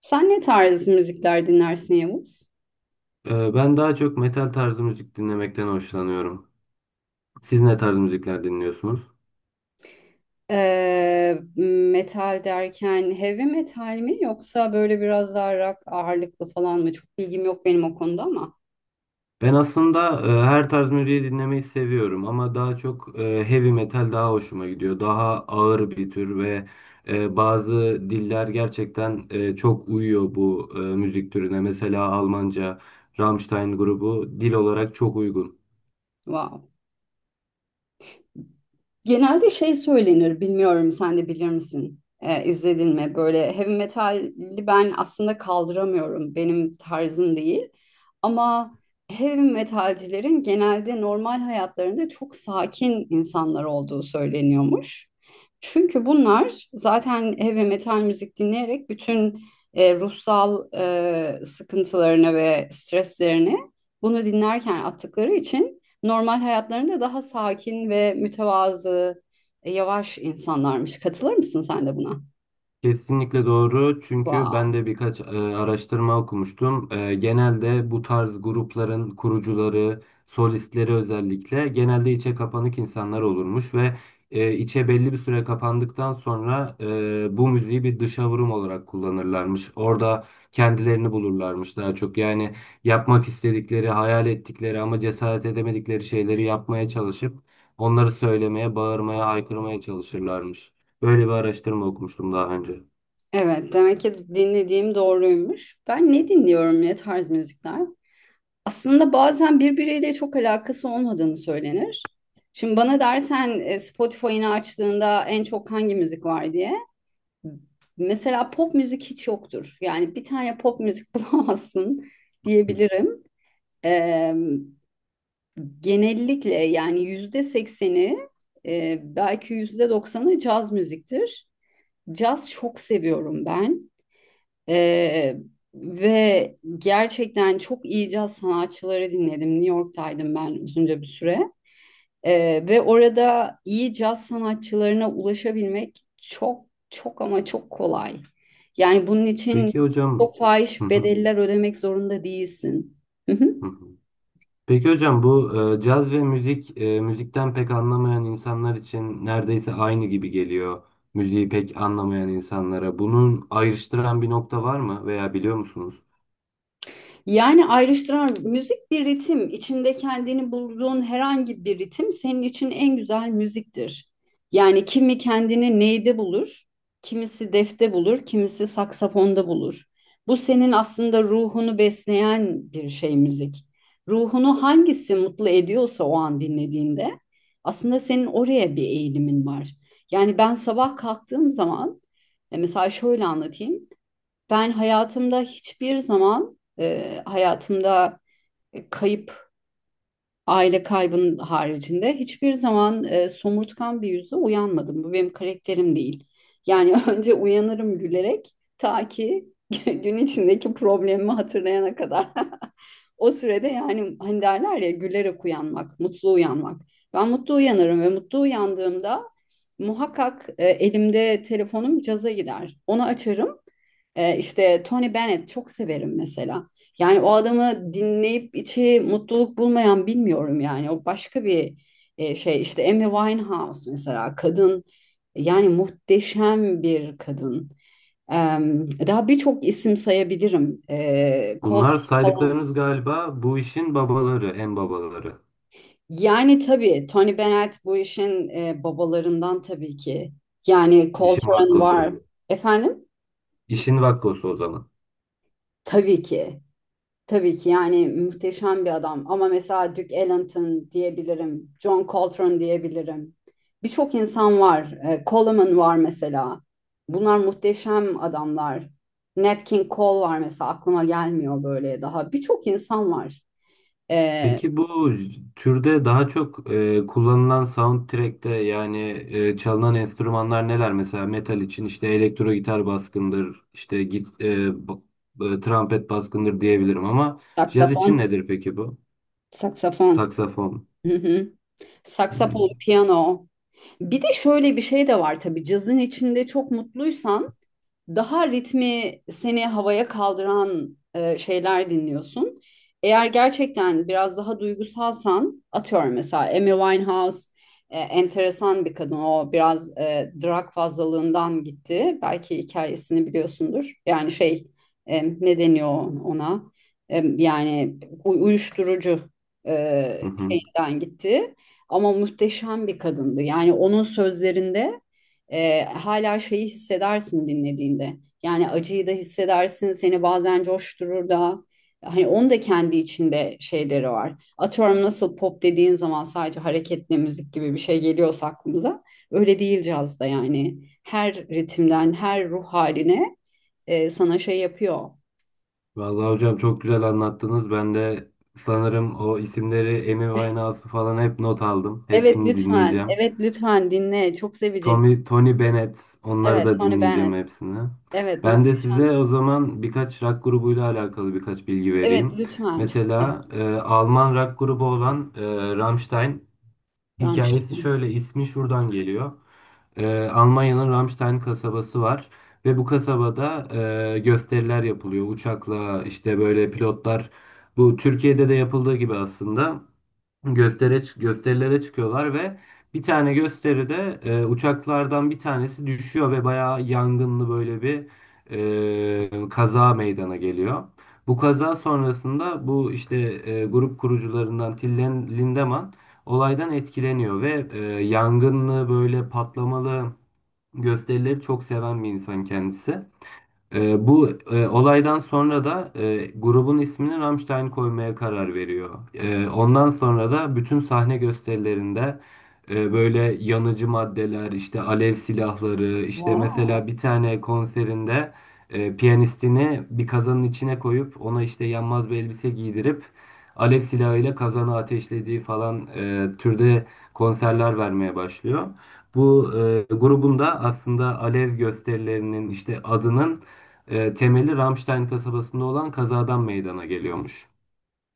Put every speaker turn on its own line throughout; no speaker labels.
Sen ne tarz müzikler dinlersin, Yavuz?
Ben daha çok metal tarzı müzik dinlemekten hoşlanıyorum. Siz ne tarz müzikler dinliyorsunuz?
Ee, Metal derken heavy metal mi yoksa böyle biraz daha rock ağırlıklı falan mı? Çok bilgim yok benim o konuda ama.
Ben aslında her tarz müziği dinlemeyi seviyorum ama daha çok heavy metal daha hoşuma gidiyor. Daha ağır bir tür ve bazı diller gerçekten çok uyuyor bu müzik türüne. Mesela Almanca, Rammstein grubu dil olarak çok uygun.
Wow. Genelde şey söylenir, bilmiyorum, sen de bilir misin? İzledin mi? Böyle heavy metali ben aslında kaldıramıyorum. Benim tarzım değil. Ama heavy metalcilerin genelde normal hayatlarında çok sakin insanlar olduğu söyleniyormuş. Çünkü bunlar zaten heavy metal müzik dinleyerek bütün ruhsal sıkıntılarını ve streslerini bunu dinlerken attıkları için normal hayatlarında daha sakin ve mütevazı, yavaş insanlarmış. Katılır mısın sen de buna?
Kesinlikle doğru çünkü ben
Wow.
de birkaç araştırma okumuştum. Genelde bu tarz grupların kurucuları, solistleri özellikle genelde içe kapanık insanlar olurmuş ve içe belli bir süre kapandıktan sonra bu müziği bir dışa vurum olarak kullanırlarmış. Orada kendilerini bulurlarmış daha çok. Yani yapmak istedikleri, hayal ettikleri ama cesaret edemedikleri şeyleri yapmaya çalışıp onları söylemeye, bağırmaya, haykırmaya çalışırlarmış. Böyle bir araştırma okumuştum daha önce.
Evet, demek ki dinlediğim doğruymuş. Ben ne dinliyorum, ne tarz müzikler? Aslında bazen birbiriyle çok alakası olmadığını söylenir. Şimdi bana dersen Spotify'ını açtığında en çok hangi müzik var diye. Mesela pop müzik hiç yoktur. Yani bir tane pop müzik bulamazsın
Hı.
diyebilirim. Ee, Genellikle yani %80'i, belki %90'ı caz müziktir. Caz çok seviyorum ben. E, Ve gerçekten çok iyi caz sanatçıları dinledim. New York'taydım ben uzunca bir süre. Ve orada iyi caz sanatçılarına ulaşabilmek çok çok ama çok kolay. Yani bunun için
Peki hocam.
çok
Hı
fahiş
hı,
bedeller ödemek zorunda değilsin.
hı hı. Peki hocam, bu caz ve müzik müzikten pek anlamayan insanlar için neredeyse aynı gibi geliyor. Müziği pek anlamayan insanlara. Bunun ayrıştıran bir nokta var mı veya biliyor musunuz?
Yani ayrıştıran müzik bir ritim. İçinde kendini bulduğun herhangi bir ritim senin için en güzel müziktir. Yani kimi kendini neyde bulur, kimisi defte bulur, kimisi saksafonda bulur. Bu senin aslında ruhunu besleyen bir şey, müzik. Ruhunu hangisi mutlu ediyorsa o an dinlediğinde aslında senin oraya bir eğilimin var. Yani ben sabah kalktığım zaman, mesela şöyle anlatayım. Ben hayatımda hiçbir zaman, hayatımda kayıp, aile kaybının haricinde hiçbir zaman somurtkan bir yüzle uyanmadım. Bu benim karakterim değil. Yani önce uyanırım gülerek ta ki gün içindeki problemimi hatırlayana kadar. O sürede yani hani derler ya, gülerek uyanmak, mutlu uyanmak. Ben mutlu uyanırım ve mutlu uyandığımda muhakkak elimde telefonum caza gider. Onu açarım. İşte Tony Bennett çok severim mesela. Yani o adamı dinleyip içi mutluluk bulmayan bilmiyorum yani. O başka bir şey. İşte Amy Winehouse mesela, kadın yani, muhteşem bir kadın. Ee, Daha birçok isim sayabilirim.
Bunlar
Coltrane falan.
saydıklarınız galiba bu işin babaları, en babaları.
Yani tabii Tony Bennett bu işin babalarından tabii ki. Yani
İşin
Coltrane var.
vakkosu.
Efendim?
İşin vakkosu o zaman.
Tabii ki. Tabii ki yani muhteşem bir adam ama mesela Duke Ellington diyebilirim, John Coltrane diyebilirim. Birçok insan var. Coleman var mesela. Bunlar muhteşem adamlar. Nat King Cole var mesela, aklıma gelmiyor böyle daha. Birçok insan var. E,
Peki bu türde daha çok kullanılan soundtrack'te yani çalınan enstrümanlar neler? Mesela metal için işte elektro gitar baskındır, işte git, e, b- e, trompet baskındır diyebilirim ama caz
Saksafon,
için nedir peki bu?
saksafon.
Saksafon.
Hı hı. Saksafon,
Hmm.
piyano. Bir de şöyle bir şey de var tabii. Cazın içinde çok mutluysan daha ritmi seni havaya kaldıran şeyler dinliyorsun. Eğer gerçekten biraz daha duygusalsan, atıyorum mesela Amy Winehouse, enteresan bir kadın. O biraz drug fazlalığından gitti. Belki hikayesini biliyorsundur. Yani şey, ne deniyor ona? Yani uyuşturucu
Hı hı.
şeyinden gitti. Ama muhteşem bir kadındı. Yani onun sözlerinde hala şeyi hissedersin dinlediğinde. Yani acıyı da hissedersin, seni bazen coşturur da. Hani onun da kendi içinde şeyleri var. Atıyorum, nasıl pop dediğin zaman sadece hareketli müzik gibi bir şey geliyorsa aklımıza. Öyle değil cazda yani. Her ritimden, her ruh haline sana şey yapıyor.
Vallahi hocam çok güzel anlattınız. Ben de sanırım o isimleri, Amy Winehouse'u falan hep not aldım.
Evet
Hepsini
lütfen,
dinleyeceğim.
evet lütfen dinle. Çok seveceksin.
Tony Bennett, onları
Evet,
da
Tony
dinleyeceğim
Bennett.
hepsini.
Evet,
Ben de size
muhteşem.
o zaman birkaç rock grubuyla alakalı birkaç bilgi
Evet,
vereyim.
lütfen. Çok
Mesela
sevdim.
Alman rock grubu olan Rammstein hikayesi
Rammstein.
şöyle, ismi şuradan geliyor. Almanya'nın Ramstein kasabası var ve bu kasabada gösteriler yapılıyor. Uçakla işte böyle pilotlar, bu Türkiye'de de yapıldığı gibi aslında gösterilere çıkıyorlar ve bir tane gösteride uçaklardan bir tanesi düşüyor ve bayağı yangınlı böyle bir kaza meydana geliyor. Bu kaza sonrasında bu işte grup kurucularından Lindemann olaydan etkileniyor ve yangınlı böyle patlamalı gösterileri çok seven bir insan kendisi. Bu olaydan sonra da grubun ismini Rammstein koymaya karar veriyor. Ondan sonra da bütün sahne gösterilerinde böyle yanıcı maddeler, işte alev silahları, işte
Wow.
mesela bir tane konserinde piyanistini bir kazanın içine koyup ona işte yanmaz bir elbise giydirip alev silahıyla kazanı ateşlediği falan türde konserler vermeye başlıyor. Bu grubun da aslında alev gösterilerinin işte adının temeli, Ramstein kasabasında olan kazadan meydana geliyormuş.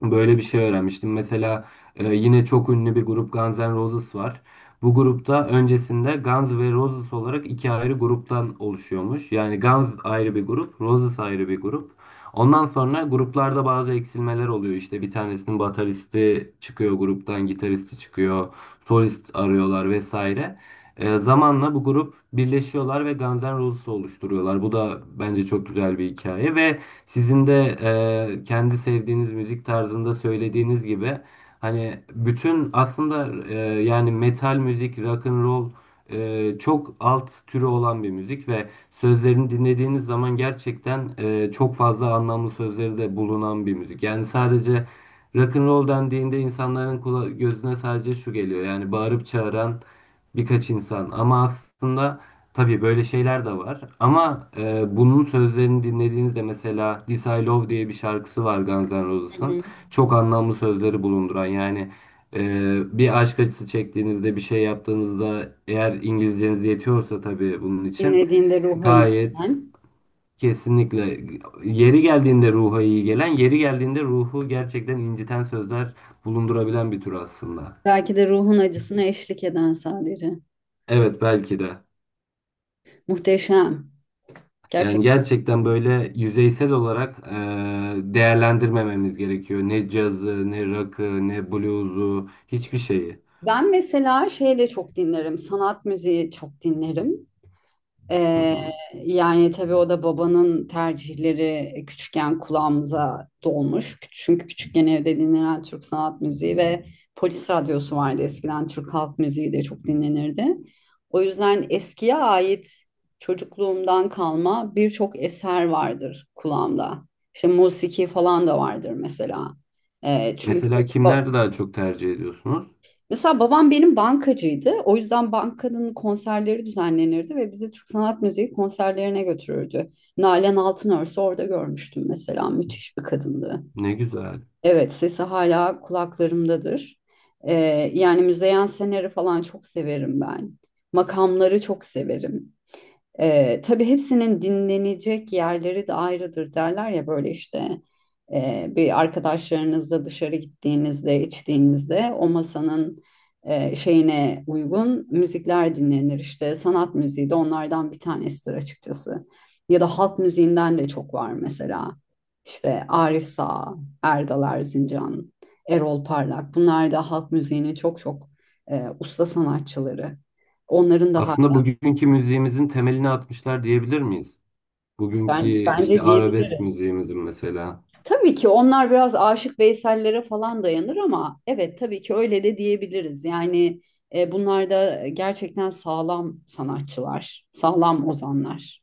Böyle bir şey öğrenmiştim. Mesela yine çok ünlü bir grup Guns N' Roses var. Bu grupta öncesinde Guns ve Roses olarak iki ayrı gruptan oluşuyormuş. Yani Guns ayrı bir grup, Roses ayrı bir grup. Ondan sonra gruplarda bazı eksilmeler oluyor. İşte bir tanesinin bataristi çıkıyor gruptan, gitaristi çıkıyor, solist arıyorlar vesaire. Zamanla bu grup birleşiyorlar ve Guns N' Roses oluşturuyorlar. Bu da bence çok güzel bir hikaye ve sizin de kendi sevdiğiniz müzik tarzında söylediğiniz gibi, hani bütün aslında yani metal müzik, rock and roll çok alt türü olan bir müzik ve sözlerini dinlediğiniz zaman gerçekten çok fazla anlamlı sözleri de bulunan bir müzik. Yani sadece rock and roll dendiğinde insanların gözüne sadece şu geliyor, yani bağırıp çağıran birkaç insan ama aslında tabii böyle şeyler de var ama bunun sözlerini dinlediğinizde mesela This I Love diye bir şarkısı var Guns N'
Hı
Roses'ın.
hı.
Çok anlamlı sözleri bulunduran yani e, bir aşk acısı çektiğinizde, bir şey yaptığınızda, eğer İngilizceniz yetiyorsa tabii bunun için
Dinlediğinde ruha iyi
gayet,
gelen,
kesinlikle, yeri geldiğinde ruha iyi gelen, yeri geldiğinde ruhu gerçekten inciten sözler bulundurabilen bir tür aslında.
belki de ruhun acısına eşlik eden sadece.
Evet belki de.
Muhteşem.
Yani
Gerçekten.
gerçekten böyle yüzeysel olarak değerlendirmememiz gerekiyor. Ne cazı, ne rock'ı, ne blues'u, hiçbir şeyi.
Ben mesela şey de çok dinlerim. Sanat müziği çok dinlerim.
Hı
Ee,
hı.
Yani tabii o da babanın tercihleri, küçükken kulağımıza dolmuş. Çünkü küçükken evde dinlenen Türk sanat müziği ve polis radyosu vardı eskiden, Türk halk müziği de çok dinlenirdi. O yüzden eskiye ait çocukluğumdan kalma birçok eser vardır kulağımda. İşte musiki falan da vardır mesela. Çünkü
Mesela kimler daha çok tercih ediyorsunuz?
mesela babam benim bankacıydı. O yüzden bankanın konserleri düzenlenirdi ve bizi Türk Sanat Müziği konserlerine götürürdü. Nalan Altınörs'ü orada görmüştüm mesela. Müthiş bir kadındı.
Ne güzel.
Evet, sesi hala kulaklarımdadır. Ee, Yani Müzeyyen Sener'i falan çok severim ben. Makamları çok severim. Tabii hepsinin dinlenecek yerleri de ayrıdır, derler ya böyle işte, bir arkadaşlarınızla dışarı gittiğinizde, içtiğinizde o masanın şeyine uygun müzikler dinlenir, işte sanat müziği de onlardan bir tanesidir açıkçası. Ya da halk müziğinden de çok var mesela, işte Arif Sağ, Erdal Erzincan, Erol Parlak, bunlar da halk müziğinin çok çok usta sanatçıları. Onların da...
Aslında bugünkü müziğimizin temelini atmışlar diyebilir miyiz? Bugünkü
Bence
işte arabesk
diyebiliriz.
müziğimizin mesela.
Tabii ki onlar biraz Aşık Veysel'lere falan dayanır ama evet tabii ki öyle de diyebiliriz. Yani bunlar da gerçekten sağlam sanatçılar, sağlam ozanlar.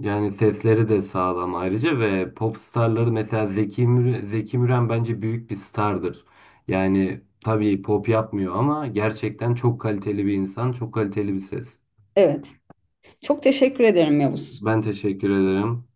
Yani sesleri de sağlam ayrıca ve pop starları, mesela Zeki Müren bence büyük bir stardır. Yani tabii pop yapmıyor ama gerçekten çok kaliteli bir insan, çok kaliteli bir ses.
Evet, çok teşekkür ederim Yavuz.
Ben teşekkür ederim.